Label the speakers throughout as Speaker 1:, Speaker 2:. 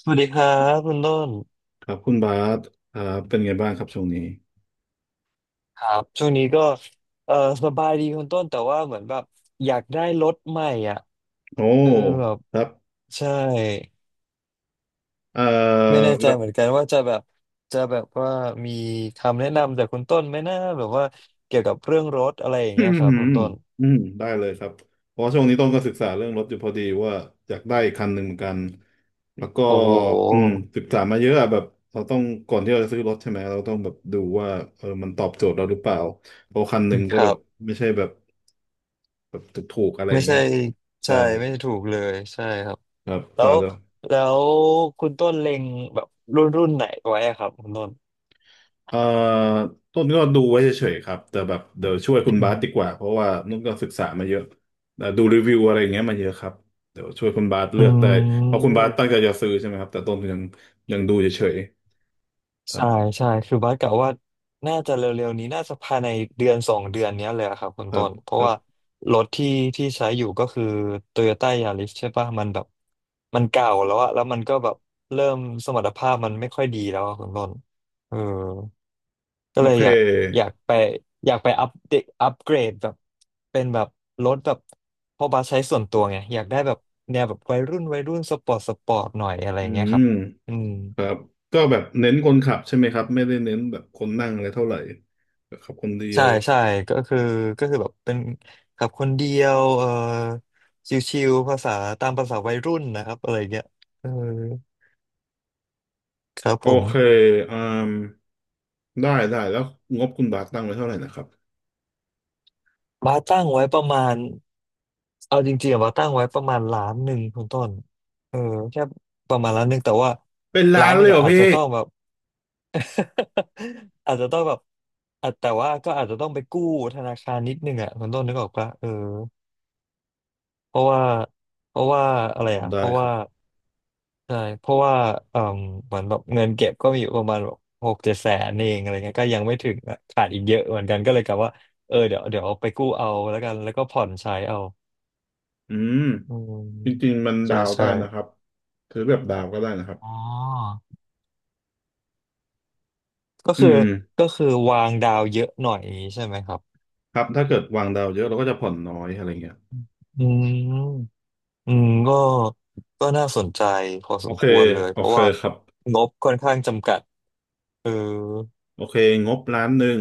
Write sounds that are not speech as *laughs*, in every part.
Speaker 1: สวัสดีครับคุณต้น
Speaker 2: ครับคุณบาสครับเป็นไงบ้างครับช่วงนี้
Speaker 1: ครับช่วงนี้ก็เออสบายดีคุณต้นแต่ว่าเหมือนแบบอยากได้รถใหม่อ่ะ
Speaker 2: โอ้
Speaker 1: เออแบบ
Speaker 2: ครับ
Speaker 1: ใช่
Speaker 2: เอ่อ
Speaker 1: ไม่แน่ใจ
Speaker 2: แล้ว *coughs*
Speaker 1: เหมือนกันว่าจะแบบจะแบบว่ามีคำแนะนำจากคุณต้นไหมนะแบบว่าเกี่ยวกับเรื่องรถอะไรอย่า
Speaker 2: *clears throat*
Speaker 1: ง
Speaker 2: อื
Speaker 1: เงี้ย
Speaker 2: ม
Speaker 1: ครับคุณต้น
Speaker 2: อืมได้เลยครับเพราะช่วงนี้ต้องก็ศึกษาเรื่องรถอยู่พอดีว่าอยากได้อีกคันหนึ่งเหมือนกันแล้วก็
Speaker 1: โอ้โห
Speaker 2: อืมศึกษามาเยอะอะแบบเราต้องก่อนที่เราจะซื้อรถใช่ไหมเราต้องแบบดูว่ามันตอบโจทย์เราหรือเปล่าเพราะคันหนึ่ง
Speaker 1: ค
Speaker 2: ก็แบ
Speaker 1: รั
Speaker 2: บ
Speaker 1: บ
Speaker 2: ไม่ใช่แบบแบบถูกๆอะไรอ
Speaker 1: ไม่
Speaker 2: ย่าง
Speaker 1: ใช่
Speaker 2: เงี้ยใช่
Speaker 1: ใช่ไม่ถูกเลยใช่ครับ
Speaker 2: ครับค
Speaker 1: แล้
Speaker 2: รั
Speaker 1: ว
Speaker 2: บ
Speaker 1: แล้วคุณต้นเล็งแบบรุ่นรุ่นไหนไว้อะครับคุณต้น
Speaker 2: เอ่อต้นก็ดูไว้เฉยๆครับแต่แบบเดี๋ยวช่วยคุณบาสดีกว่าเพราะว่านุ่นก็ศึกษามาเยอะดูรีวิวอะไรอย่างเงี้ยมาเยอะครับเดี๋ยวช่วยคุณบาส
Speaker 1: อ
Speaker 2: เลือกได้
Speaker 1: ื
Speaker 2: เพราะคุณบาส
Speaker 1: ม
Speaker 2: ตั้งใจจะซื้อใช่ไหมครับแต่ต้นยังดูเฉยๆครับ
Speaker 1: ใช่ใช่คือบัสกะว่าน่าจะเร็วๆนี้น่าจะภายในเดือนสองเดือนเนี้ยเลยอะครับคุณ
Speaker 2: ครั
Speaker 1: ต้
Speaker 2: บ
Speaker 1: นเพ
Speaker 2: ค
Speaker 1: ราะ
Speaker 2: รั
Speaker 1: ว่า
Speaker 2: บ
Speaker 1: รถที่ที่ใช้อยู่ก็คือ Toyota Yaris ใช่ปะมันแบบมันเก่าแล้วอะแล้วมันก็แบบเริ่มสมรรถภาพมันไม่ค่อยดีแล้วอะคุณต้นเออก็
Speaker 2: โอ
Speaker 1: เลย
Speaker 2: เค
Speaker 1: อยากไปอยากไปอัปเดตอัปเกรดแบบเป็นแบบรถแบบเพราะบัสใช้ส่วนตัวไงอยากได้แบบแนวแบบวัยรุ่นวัยรุ่นสปอร์ตสปอร์ตหน่อยอะไร
Speaker 2: อื
Speaker 1: เงี้ยค
Speaker 2: ม
Speaker 1: รับอืม
Speaker 2: ครับก็แบบเน้นคนขับใช่ไหมครับไม่ได้เน้นแบบคนนั่งอะไรเท่าไหร่แบบขับคนเดีย
Speaker 1: ใช่
Speaker 2: ว
Speaker 1: ใช่ก็คือก็คือแบบเป็นขับคนเดียวชิวๆภาษาตามภาษาวัยรุ่นนะครับอะไรเงี้ยเออครับ
Speaker 2: โอ
Speaker 1: ผม
Speaker 2: เคอืมได้แล้วงบคุณบาสตั้งไว้เท่าไหร่นะครับ
Speaker 1: บาร์ตั้งไว้ประมาณเอาจริงๆอะบาร์ตั้งไว้ประมาณล้านหนึ่งคุณต้นเออแค่ประมาณล้านหนึ่งแต่ว่า
Speaker 2: เป็นล้า
Speaker 1: ล้าน
Speaker 2: น
Speaker 1: ห
Speaker 2: เล
Speaker 1: นึ่ง
Speaker 2: ยเหร
Speaker 1: อะ
Speaker 2: อ
Speaker 1: อาจ
Speaker 2: พี่
Speaker 1: จะต้องแบบ *laughs* อาจจะต้องแบบอ่ะแต่ว่าก็อาจจะต้องไปกู้ธนาคารนิดนึงอ่ะคุณต้นนึกออกปะเพราะว่าเพราะว่าอะไร
Speaker 2: โอ้
Speaker 1: อ่ะ
Speaker 2: ได้
Speaker 1: เพราะ
Speaker 2: ครั
Speaker 1: ว่า
Speaker 2: บ
Speaker 1: ใช่เพราะว่าเอ่มเหมือนแบบเงินเก็บก็มีอยู่ประมาณแบบหกเจ็ดแสนเองอะไรเงี้ยก็ยังไม่ถึงอะขาดอีกเยอะเหมือนกันก็เลยกะว่าเดี๋ยวเดี๋ยวเอาไปกู้เอาแล้วกันแล้วก็ผ่อนใช้เอา
Speaker 2: อืม
Speaker 1: อืม
Speaker 2: จริงๆมัน
Speaker 1: ใช่
Speaker 2: ดาวได้
Speaker 1: ใช่
Speaker 2: นะครับซื้อแบบดาวก็ได้นะครับ
Speaker 1: อ๋อก็
Speaker 2: อื
Speaker 1: คือ
Speaker 2: ม
Speaker 1: ก็คือวางดาวเยอะหน่อยอย่างนี้ใช่ไหมครับ
Speaker 2: ครับถ้าเกิดวางดาวเยอะเราก็จะผ่อนน้อยอะไรเงี้ย
Speaker 1: อืมอืมก็ก็น่าสนใจพอส
Speaker 2: โอ
Speaker 1: ม
Speaker 2: เค
Speaker 1: ควรเลย
Speaker 2: โอ
Speaker 1: เพราะ
Speaker 2: เค
Speaker 1: ว่า
Speaker 2: ครับ
Speaker 1: งบค่อนข้างจำกัดเออ
Speaker 2: โอเคงบล้านหนึ่ง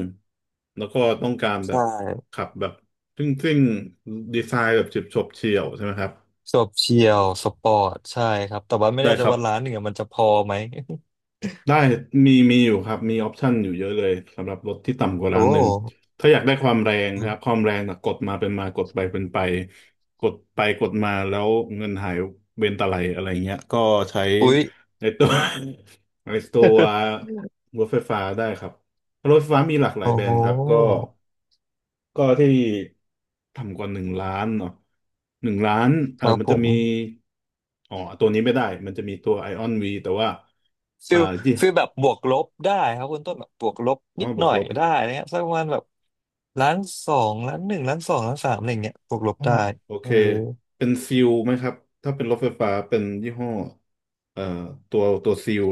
Speaker 2: แล้วก็ต้องการแบ
Speaker 1: ใช่
Speaker 2: บขับแบบซิ่งๆดีไซน์แบบฉิบฉบเฉี่ยวใช่ไหมครับ
Speaker 1: จบเชียวสปอร์ตใช่ครับแต่ว่าไม่
Speaker 2: ได้
Speaker 1: แน่ใจ
Speaker 2: ครับ
Speaker 1: ว่าร้านหนึ่งอะมันจะพอไหม
Speaker 2: ได้มีอยู่ครับมีออปชันอยู่เยอะเลยสำหรับรถที่ต่ำกว่า
Speaker 1: *laughs* โอ้
Speaker 2: ล้านหนึ่งถ้าอยากได้ความแรงนะ
Speaker 1: อุ๊
Speaker 2: ค
Speaker 1: ย
Speaker 2: รับความแรงนะกดมาเป็นมากดไปเป็นไปกดไปกดมาแล้วเงินหายเบนตะไลอะไรเงี้ยก็ใช้
Speaker 1: อุ๊ย
Speaker 2: ในตัว *laughs* ในตัว
Speaker 1: *laughs*
Speaker 2: รถไฟฟ้าได้ครับรถไฟฟ้ามีหลากหลาย
Speaker 1: โอ้
Speaker 2: แบรนด์ครับก็ที่ต่ำกว่าหนึ่งล้านเนาะหนึ่งล้าน
Speaker 1: ครับ
Speaker 2: มัน
Speaker 1: ผ
Speaker 2: จะ
Speaker 1: ม
Speaker 2: มีอ๋อตัวนี้ไม่ได้มันจะมีตัวไอออนวีแต่ว่า
Speaker 1: ฟิ
Speaker 2: อ่า
Speaker 1: ล
Speaker 2: ี
Speaker 1: ฟิลแบบบวกลบได้ครับคุณต้นแบบบวกลบ
Speaker 2: อ๋
Speaker 1: นิ
Speaker 2: อ
Speaker 1: ด
Speaker 2: บ
Speaker 1: ห
Speaker 2: ว
Speaker 1: น่
Speaker 2: ก
Speaker 1: อย
Speaker 2: ลบ
Speaker 1: ได้นะฮะสักประมาณแบบล้านสองล้านหนึ่งล้านสองล้านสามอะไรอย่างเงี้ยบวกลบ
Speaker 2: อ๋อ
Speaker 1: ได้
Speaker 2: โอ
Speaker 1: เอ
Speaker 2: เค
Speaker 1: อ
Speaker 2: เป็นซิลไหมครับ ถ้าเป็นรถไฟฟ้าเป็นยี่ห้อเอ่อตัวซิล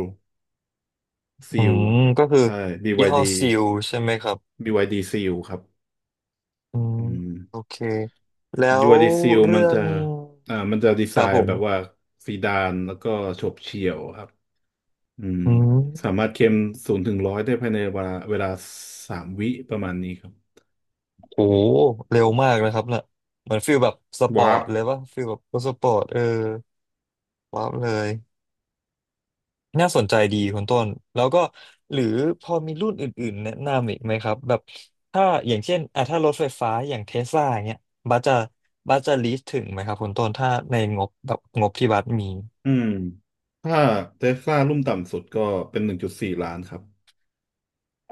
Speaker 2: ซิ
Speaker 1: อื
Speaker 2: ล
Speaker 1: มก็คือ
Speaker 2: ใช่
Speaker 1: ยี่ห้อ
Speaker 2: BYD
Speaker 1: ซิลใช่ไหมครับ
Speaker 2: BYD ซิลครับ
Speaker 1: อืม
Speaker 2: อืม
Speaker 1: โอเคแล้ว
Speaker 2: BYD ซิลมั
Speaker 1: เรื่
Speaker 2: น
Speaker 1: อ
Speaker 2: จะ
Speaker 1: ง
Speaker 2: มันจะดี
Speaker 1: ค
Speaker 2: ไซ
Speaker 1: รับผ
Speaker 2: น์แบบว่า
Speaker 1: ม
Speaker 2: ซีดานแล้วก็โฉบเฉี่ยวครับอืม
Speaker 1: อื
Speaker 2: สา
Speaker 1: ม
Speaker 2: มารถเข็มศูนย์ถึงร้อยได้ภายในเวลาสามวิประมาณนี้ครับ
Speaker 1: โอ้โหเร็วมากนะครับน่ะเหมือนฟีลแบบสปอ
Speaker 2: วา
Speaker 1: ร์
Speaker 2: ร์
Speaker 1: ต
Speaker 2: ป
Speaker 1: เลยป่ะฟีลแบบรถสปอร์ตว้าวเลยน่าสนใจดีคุณต้นแล้วก็หรือพอมีรุ่นอื่นๆแนะนำอีกไหมครับแบบถ้าอย่างเช่นอ่ะถ้ารถไฟฟ้าอย่างเทสลาเนี้ยบัสจะบัสจะลีสถึงไหมครับคุณต้นถ้าในงบแบบงบที่บัสมี
Speaker 2: อืมถ้าเทสลารุ่นต่ำสุดก็เป็นหนึ่งจุดสี่ล้านครับ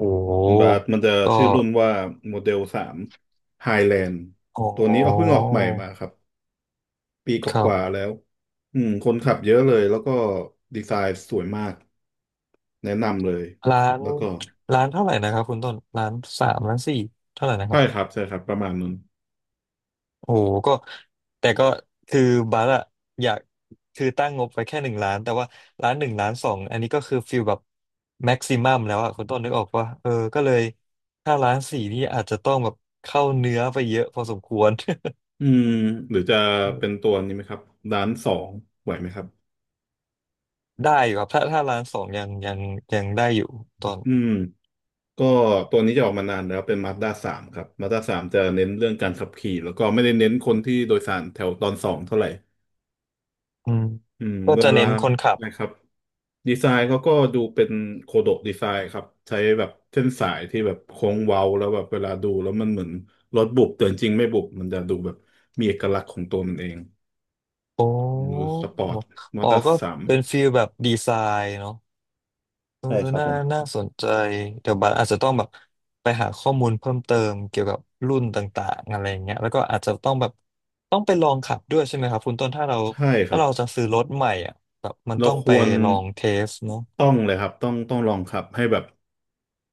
Speaker 1: โอ้
Speaker 2: คุณบาสมันจะ
Speaker 1: ก็
Speaker 2: ชื่อรุ่นว่าโมเดลสามไฮแลนด์
Speaker 1: โอ
Speaker 2: ตัวนี้เอาเพิ่ง
Speaker 1: ้
Speaker 2: ออกใหม่มาครับปีก
Speaker 1: ครั
Speaker 2: ว่า
Speaker 1: บ
Speaker 2: ๆแล้วคนขับเยอะเลยแล้วก็ดีไซน์สวยมากแนะนำเลย
Speaker 1: ล้าน
Speaker 2: แล้วก็
Speaker 1: ล้านเท่าไหร่นะครับคุณต้นล้านสามล้านสี่เท่าไหร่นะค
Speaker 2: ใช่
Speaker 1: รับ
Speaker 2: ครับใช่ครับประมาณนั้น
Speaker 1: โอ้โหก็แต่ก็คือบัสอะอยากคือตั้งงบไว้แค่หนึ่งล้านแต่ว่าล้านหนึ่งล้านสองอันนี้ก็คือฟิลแบบแม็กซิมัมแล้วอะคุณต้นนึกออกว่าก็เลยถ้าล้านสี่นี่อาจจะต้องแบบเข้าเนื้อไปเยอะพอสมควร *laughs*
Speaker 2: อืมหรือจะเป็นตัวนี้ไหมครับด้านสองไหวไหมครับ
Speaker 1: ได้อยู่ครับถ้าล้านสองยังได้อยู่ตอน
Speaker 2: อืมก็ตัวนี้จะออกมานานแล้วเป็นมา z ด้าสามครับมา z ด้าสามจะเน้นเรื่องการขับขี่แล้วก็ไม่ได้เน้นคนที่โดยสารแถวตอนสองเท่าไหร่
Speaker 1: อืมก็
Speaker 2: เว
Speaker 1: จะ
Speaker 2: ลา
Speaker 1: เน้นคนขับ
Speaker 2: นะครับดีไซน์เขาก็ดูเป็นโคโดะดีไซน์ครับใช้แบบเส้นสายที่แบบโค้งเว้าแล้วแบบเวลาดูแล้วมันเหมือนรถบุบแต่จริงๆไม่บุบมันจะดูแบบมีเอกลักษณ์ของตัวมันเอง
Speaker 1: โอ้
Speaker 2: ดูสปอร์ตมอ
Speaker 1: อ๋อ
Speaker 2: เตอร์
Speaker 1: ก็
Speaker 2: สาม
Speaker 1: เป็นฟิลแบบดีไซน์เนาะ เออ
Speaker 2: ใช่ครับ
Speaker 1: น่า
Speaker 2: ผม
Speaker 1: น่าสนใจเดี๋ยวบัสอาจจะต้องแบบไปหาข้อมูลเพิ่มเติมเกี่ยวกับรุ่นต่างๆอะไรอย่างเงี้ยแล้วก็อาจจะต้องแบบต้องไปลองขับด้วยใช่ไหมครับคุณต้นถ้าเรา
Speaker 2: ใช่ค
Speaker 1: ถ้า
Speaker 2: รับ
Speaker 1: เราจะซื้อรถใหม่อ่ะแบบมัน
Speaker 2: เรา
Speaker 1: ต้อง
Speaker 2: ค
Speaker 1: ไป
Speaker 2: วร
Speaker 1: ลองเทสเนาะ
Speaker 2: ต้องเลยครับต้องลองขับให้แบบ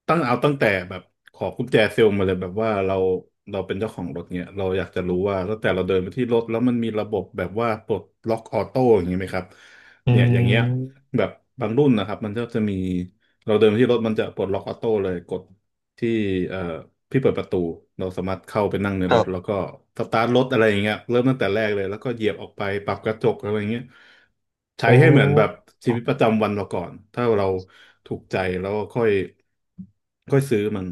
Speaker 2: ตั้งเอาตั้งแต่แบบขอกุญแจเซลล์มาเลยแบบว่าเราเป็นเจ้าของรถเนี่ยเราอยากจะรู้ว่าตั้งแต่เราเดินไปที่รถแล้วมันมีระบบแบบว่าปลดล็อกออโต้อย่างนี้ไหมครับ
Speaker 1: อื
Speaker 2: เนี่ยอย่างเงี้ย
Speaker 1: ม
Speaker 2: แบบบางรุ่นนะครับมันก็จะมีเราเดินไปที่รถมันจะปลดล็อกออโต้เลยกด ที่เอ่อพี่เปิดประตูเราสามารถเข้าไปนั่งใน
Speaker 1: ค
Speaker 2: ร
Speaker 1: รั
Speaker 2: ถแล้วก็
Speaker 1: บ
Speaker 2: สตาร์ทรถอะไรอย่างเงี้ยเริ่มตั้งแต่แรกเลยแล้วก็เหยียบออกไปปรับกระจกอะไรอย่างเงี้ยใช้
Speaker 1: โอ้
Speaker 2: ให้เหมือนแบบ
Speaker 1: ค
Speaker 2: ชี
Speaker 1: รั
Speaker 2: วิตป
Speaker 1: บ
Speaker 2: ระจำวันเราก่อนถ้าเราถูกใจแล้วก็ค่อยค่อยซื้อมัน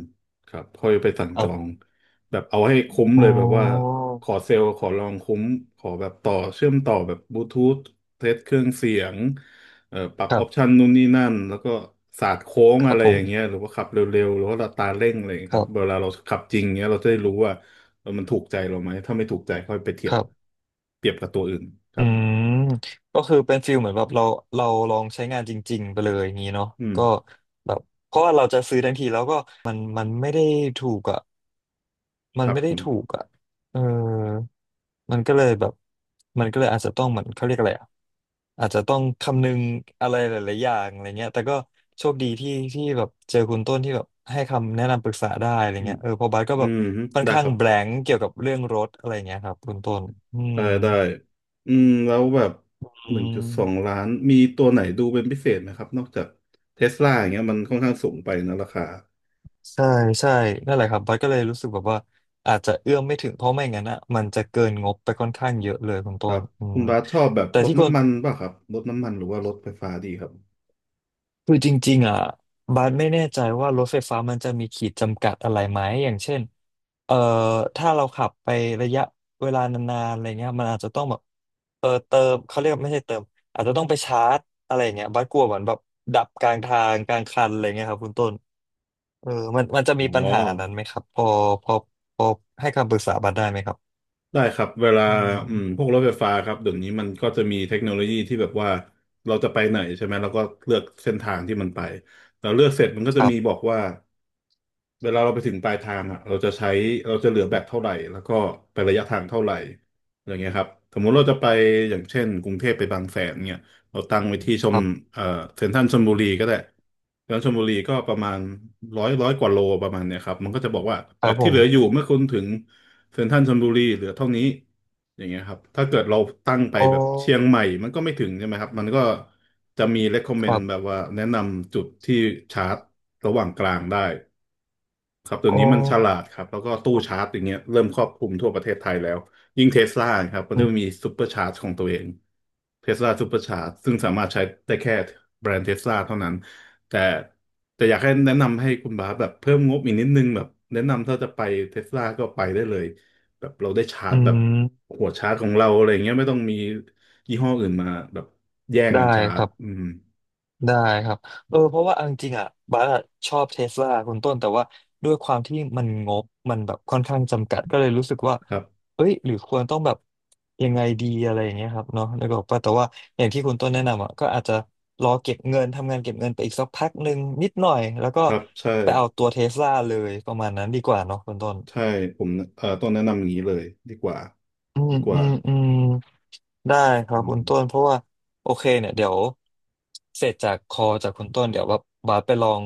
Speaker 2: ครับค่อยไปสั่งจองแบบเอาให้คุ้มเล
Speaker 1: โอ้
Speaker 2: ยแบบว่าขอเซลล์ขอลองคุ้มขอแบบต่อเชื่อมต่อแบบบลูทูธเทสเครื่องเสียง ปรับ
Speaker 1: ครั
Speaker 2: ออปชั
Speaker 1: บ
Speaker 2: นนู่นนี่นั่นแล้วก็ศาสตร์โค้ง
Speaker 1: ครั
Speaker 2: อะ
Speaker 1: บ
Speaker 2: ไร
Speaker 1: ผ
Speaker 2: อ
Speaker 1: ม
Speaker 2: ย่างเงี้ยหรือว่าขับเร็วๆหรือว่าอัตราเร่งอะไรอย่างเงี้ย
Speaker 1: ค
Speaker 2: ค
Speaker 1: รั
Speaker 2: รับเว
Speaker 1: บ
Speaker 2: ลาเราขับจริงเงี้ยเราจะได้รู้ว่ามันถูกใจเราไหมถ้าไม่ถูกใจค่อยไปเที
Speaker 1: ค
Speaker 2: ยบ
Speaker 1: รับ
Speaker 2: เปรียบกับตัวอื่นค
Speaker 1: อื
Speaker 2: รับ
Speaker 1: มก็คือเป็นฟิลเหมือนแบบเราเราลองใช้งานจริงๆไปเลยอย่างนี้เนาะ
Speaker 2: อืม
Speaker 1: ก็แบบเพราะว่าเราจะซื้อทันทีแล้วก็มันไม่ได้ถูกอ่ะมั
Speaker 2: ค
Speaker 1: น
Speaker 2: รับ
Speaker 1: ไม่
Speaker 2: ผ
Speaker 1: ได้
Speaker 2: ม
Speaker 1: ถูกอ่ะเออมันก็เลยแบบมันก็เลยอาจจะต้องเหมือนเขาเรียกอะไรอ่ะอาจจะต้องคำนึงอะไรหลายๆอย่างอะไรเงี้ยแต่ก็โชคดีที่ที่แบบเจอคุณต้นที่แบบให้คำแนะนำปรึกษาได้อะไร
Speaker 2: อืม
Speaker 1: เงี้ยเพอบาสก็
Speaker 2: อื
Speaker 1: แบบ
Speaker 2: มฮึ
Speaker 1: ค่อน
Speaker 2: ได้
Speaker 1: ข้า
Speaker 2: ค
Speaker 1: ง
Speaker 2: รับ
Speaker 1: แบลงก์เกี่ยวกับเรื่องรถอะไรเงี้ยครับคุณต้นอืม
Speaker 2: ได้ได้อืมแล้วแบบ
Speaker 1: อ
Speaker 2: ห
Speaker 1: ื
Speaker 2: นึ่งจุดสอง
Speaker 1: ม
Speaker 2: ล้านมีตัวไหนดูเป็นพิเศษไหมครับนอกจากเทสลาอย่างเงี้ยมันค่อนข้างสูงไปนะราคา
Speaker 1: ใช่ใช่นั่นแหละครับบัสก็เลยรู้สึกแบบว่าอาจจะเอื้อมไม่ถึงเพราะไม่งั้นอ่ะมันจะเกินงบไปค่อนข้างเยอะเลยคุณ
Speaker 2: ค
Speaker 1: ต้
Speaker 2: รั
Speaker 1: น
Speaker 2: บ
Speaker 1: อืม
Speaker 2: คุณบาสชอบแบบ
Speaker 1: แต่
Speaker 2: รถ
Speaker 1: ที่คน
Speaker 2: น้ำมันป่ะครับรถน้ำมันหรือว่ารถไฟฟ้าดีครับ
Speaker 1: คือจริงๆอ่ะบัสไม่แน่ใจว่ารถไฟฟ้ามันจะมีขีดจำกัดอะไรไหมอย่างเช่นเอ่อถ้าเราขับไประยะเวลานานๆอะไรเงี้ยมันอาจจะต้องแบบเติมเขาเรียกว่าไม่ใช่เติมอาจจะต้องไปชาร์จอะไรเงี้ยบัสกลัวเหมือนแบบดับกลางทางกลางคันอะไรเงี้ยครับคุณต้น เออมันจะ
Speaker 2: อ๋
Speaker 1: มีปัญหานั้นไหม
Speaker 2: อ
Speaker 1: ครับ พอพอให้คำปรึกษาบัตรได้ไหมครับ
Speaker 2: ได้ครับเวลา
Speaker 1: อื
Speaker 2: พ
Speaker 1: ม
Speaker 2: วกรถไฟฟ้าครับเดี๋ยวนี้มันก็จะมีเทคโนโลยีที่แบบว่าเราจะไปไหนใช่ไหมแล้วก็เลือกเส้นทางที่มันไปแราเลือกเสร็จมันก็
Speaker 1: ค
Speaker 2: จะ
Speaker 1: รั
Speaker 2: มีบอ
Speaker 1: บ
Speaker 2: กว่า เวลาเราไปถึงปลายทางอ่ะเราจะเหลือแบตเท่าไหร่แล้วก็ไประยะทางเท่าไหร่อย่างเงี้ยครับสมมุติเราจะไปอย่างเช่นกรุงเทพไปบางแสนเนี่ยเราตั้งไว้ที่ช
Speaker 1: ค
Speaker 2: ม
Speaker 1: รับ
Speaker 2: เอ่อเซ็นทรัลชลบุรีก็ได้เซ็นทรัลชลบุรีก็ประมาณร้อยกว่าโลประมาณเนี่ยครับมันก็จะบอกว่า
Speaker 1: ค
Speaker 2: แบ
Speaker 1: รับ
Speaker 2: ต
Speaker 1: ผ
Speaker 2: ที่เห
Speaker 1: ม
Speaker 2: ลืออยู่เมื่อคุณถึงเซ็นทรัลชลบุรีเหลือเท่านี้อย่างเงี้ยครับถ้าเกิดเราตั้งไป
Speaker 1: โอ้
Speaker 2: แบบเชียงใหม่ มันก็ไม่ถึงใช่ไหมครับมันก็จะมี
Speaker 1: ครั
Speaker 2: recommend แบบ
Speaker 1: บ
Speaker 2: ว่าแนะนำจุดที่ชาร์จระหว่างกลางได้ ครับตัว
Speaker 1: โอ้
Speaker 2: นี้มันฉลาดครับแล้วก็ตู้ชาร์จอย่างเงี้ยเริ่มครอบคลุมทั่วประเทศไทยแล้วยิ่งเทสลาครับมัน
Speaker 1: อื
Speaker 2: จะมี
Speaker 1: ม
Speaker 2: ซูเปอร์ชาร์จของตัวเองเทสลาซูเปอร์ชาร์จซึ่งสามารถใช้ได้แค่แบรนด์เทสลาเท่านั้นแต่แต่อยากให้แนะนำให้คุณบาสแบบเพิ่มงบอีกนิดนึงแบบแนะนำถ้าจะไปเทสลาก็ไปได้เลยแบบเราได้ชาร์
Speaker 1: อื
Speaker 2: จแบบ
Speaker 1: ม
Speaker 2: หัวชาร์จของเราอะไรเงี้ยไม่ต้องมียี่ห้ออื่นมาแบบแย่ง
Speaker 1: ได้
Speaker 2: กันชาร์
Speaker 1: ค
Speaker 2: จ
Speaker 1: รับ
Speaker 2: อืม
Speaker 1: ได้ครับเพราะว่าเอาจริงๆอ่ะบัสอะชอบเทสลาคุณต้นแต่ว่าด้วยความที่มันงบมันแบบค่อนข้างจำกัดก็เลยรู้สึกว่า
Speaker 2: ครับ
Speaker 1: เอ้ยหรือควรต้องแบบยังไงดีอะไรอย่างเงี้ยครับเนาะแล้วก็บอกว่าแต่ว่าอย่างที่คุณต้นแนะนำอ่ะก็อาจจะรอเก็บเงินทำงานเก็บเงินไปอีกสักพักหนึ่งนิดหน่อยแล้วก็
Speaker 2: ครับใช่
Speaker 1: ไปเอาตัวเทสลาเลยประมาณนั้นดีกว่าเนาะคุณต้น
Speaker 2: ใช่ผมต้องแนะนำอย่างนี้เลยดีกว่า
Speaker 1: อืม
Speaker 2: ดีก
Speaker 1: อื
Speaker 2: ว่า
Speaker 1: มอืม ได้ครับ
Speaker 2: อื
Speaker 1: คุณ
Speaker 2: ม
Speaker 1: ต้นเพราะว่าโอเคเนี่ยเดี๋ยวเสร็จจากคอจากคุณต้นเดี๋ยวว่าบาสไปลอง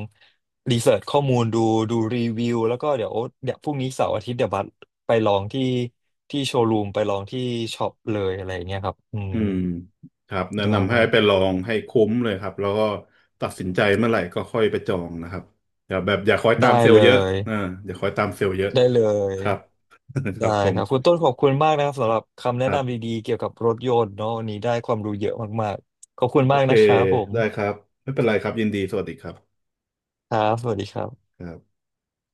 Speaker 1: รีเสิร์ชข้อมูลดูดูรีวิวแล้วก็เดี๋ยวพรุ่งนี้เสาร์อาทิตย์เดี๋ยวบาสไปลองที่ที่โชว์รูมไปลองที่ช็อปเลยอะไรอย่างเงี้ยครับอืม
Speaker 2: อืมครับแนะ
Speaker 1: ได้
Speaker 2: นำให้ไปลองให้คุ้มเลยครับแล้วก็ตัดสินใจเมื่อไหร่ก็ค่อยไปจองนะครับอย่าแบบอย่าคอยตา
Speaker 1: ได้
Speaker 2: มเซล
Speaker 1: เล
Speaker 2: ล์เยอะ
Speaker 1: ย
Speaker 2: อ่าอย่าคอยตามเซลล์เยอะ
Speaker 1: ได้เลย
Speaker 2: ครับ *laughs* ค
Speaker 1: ได้
Speaker 2: รับผ
Speaker 1: ค
Speaker 2: ม
Speaker 1: รับคุณต้นขอบคุณมากนะครับสำหรับคำแนะ
Speaker 2: ครั
Speaker 1: นำ
Speaker 2: บ
Speaker 1: ดีๆเกี่ยวกับรถยนต์เนาะวันนี้ได้ความรู้เยอะมากๆขอบคุณ
Speaker 2: โอ
Speaker 1: มาก
Speaker 2: เค
Speaker 1: นะครับผม
Speaker 2: ได้ครับไม่เป็นไรครับยินดีสวัสดีครับ
Speaker 1: ครับสวัสดีครับ
Speaker 2: ครับ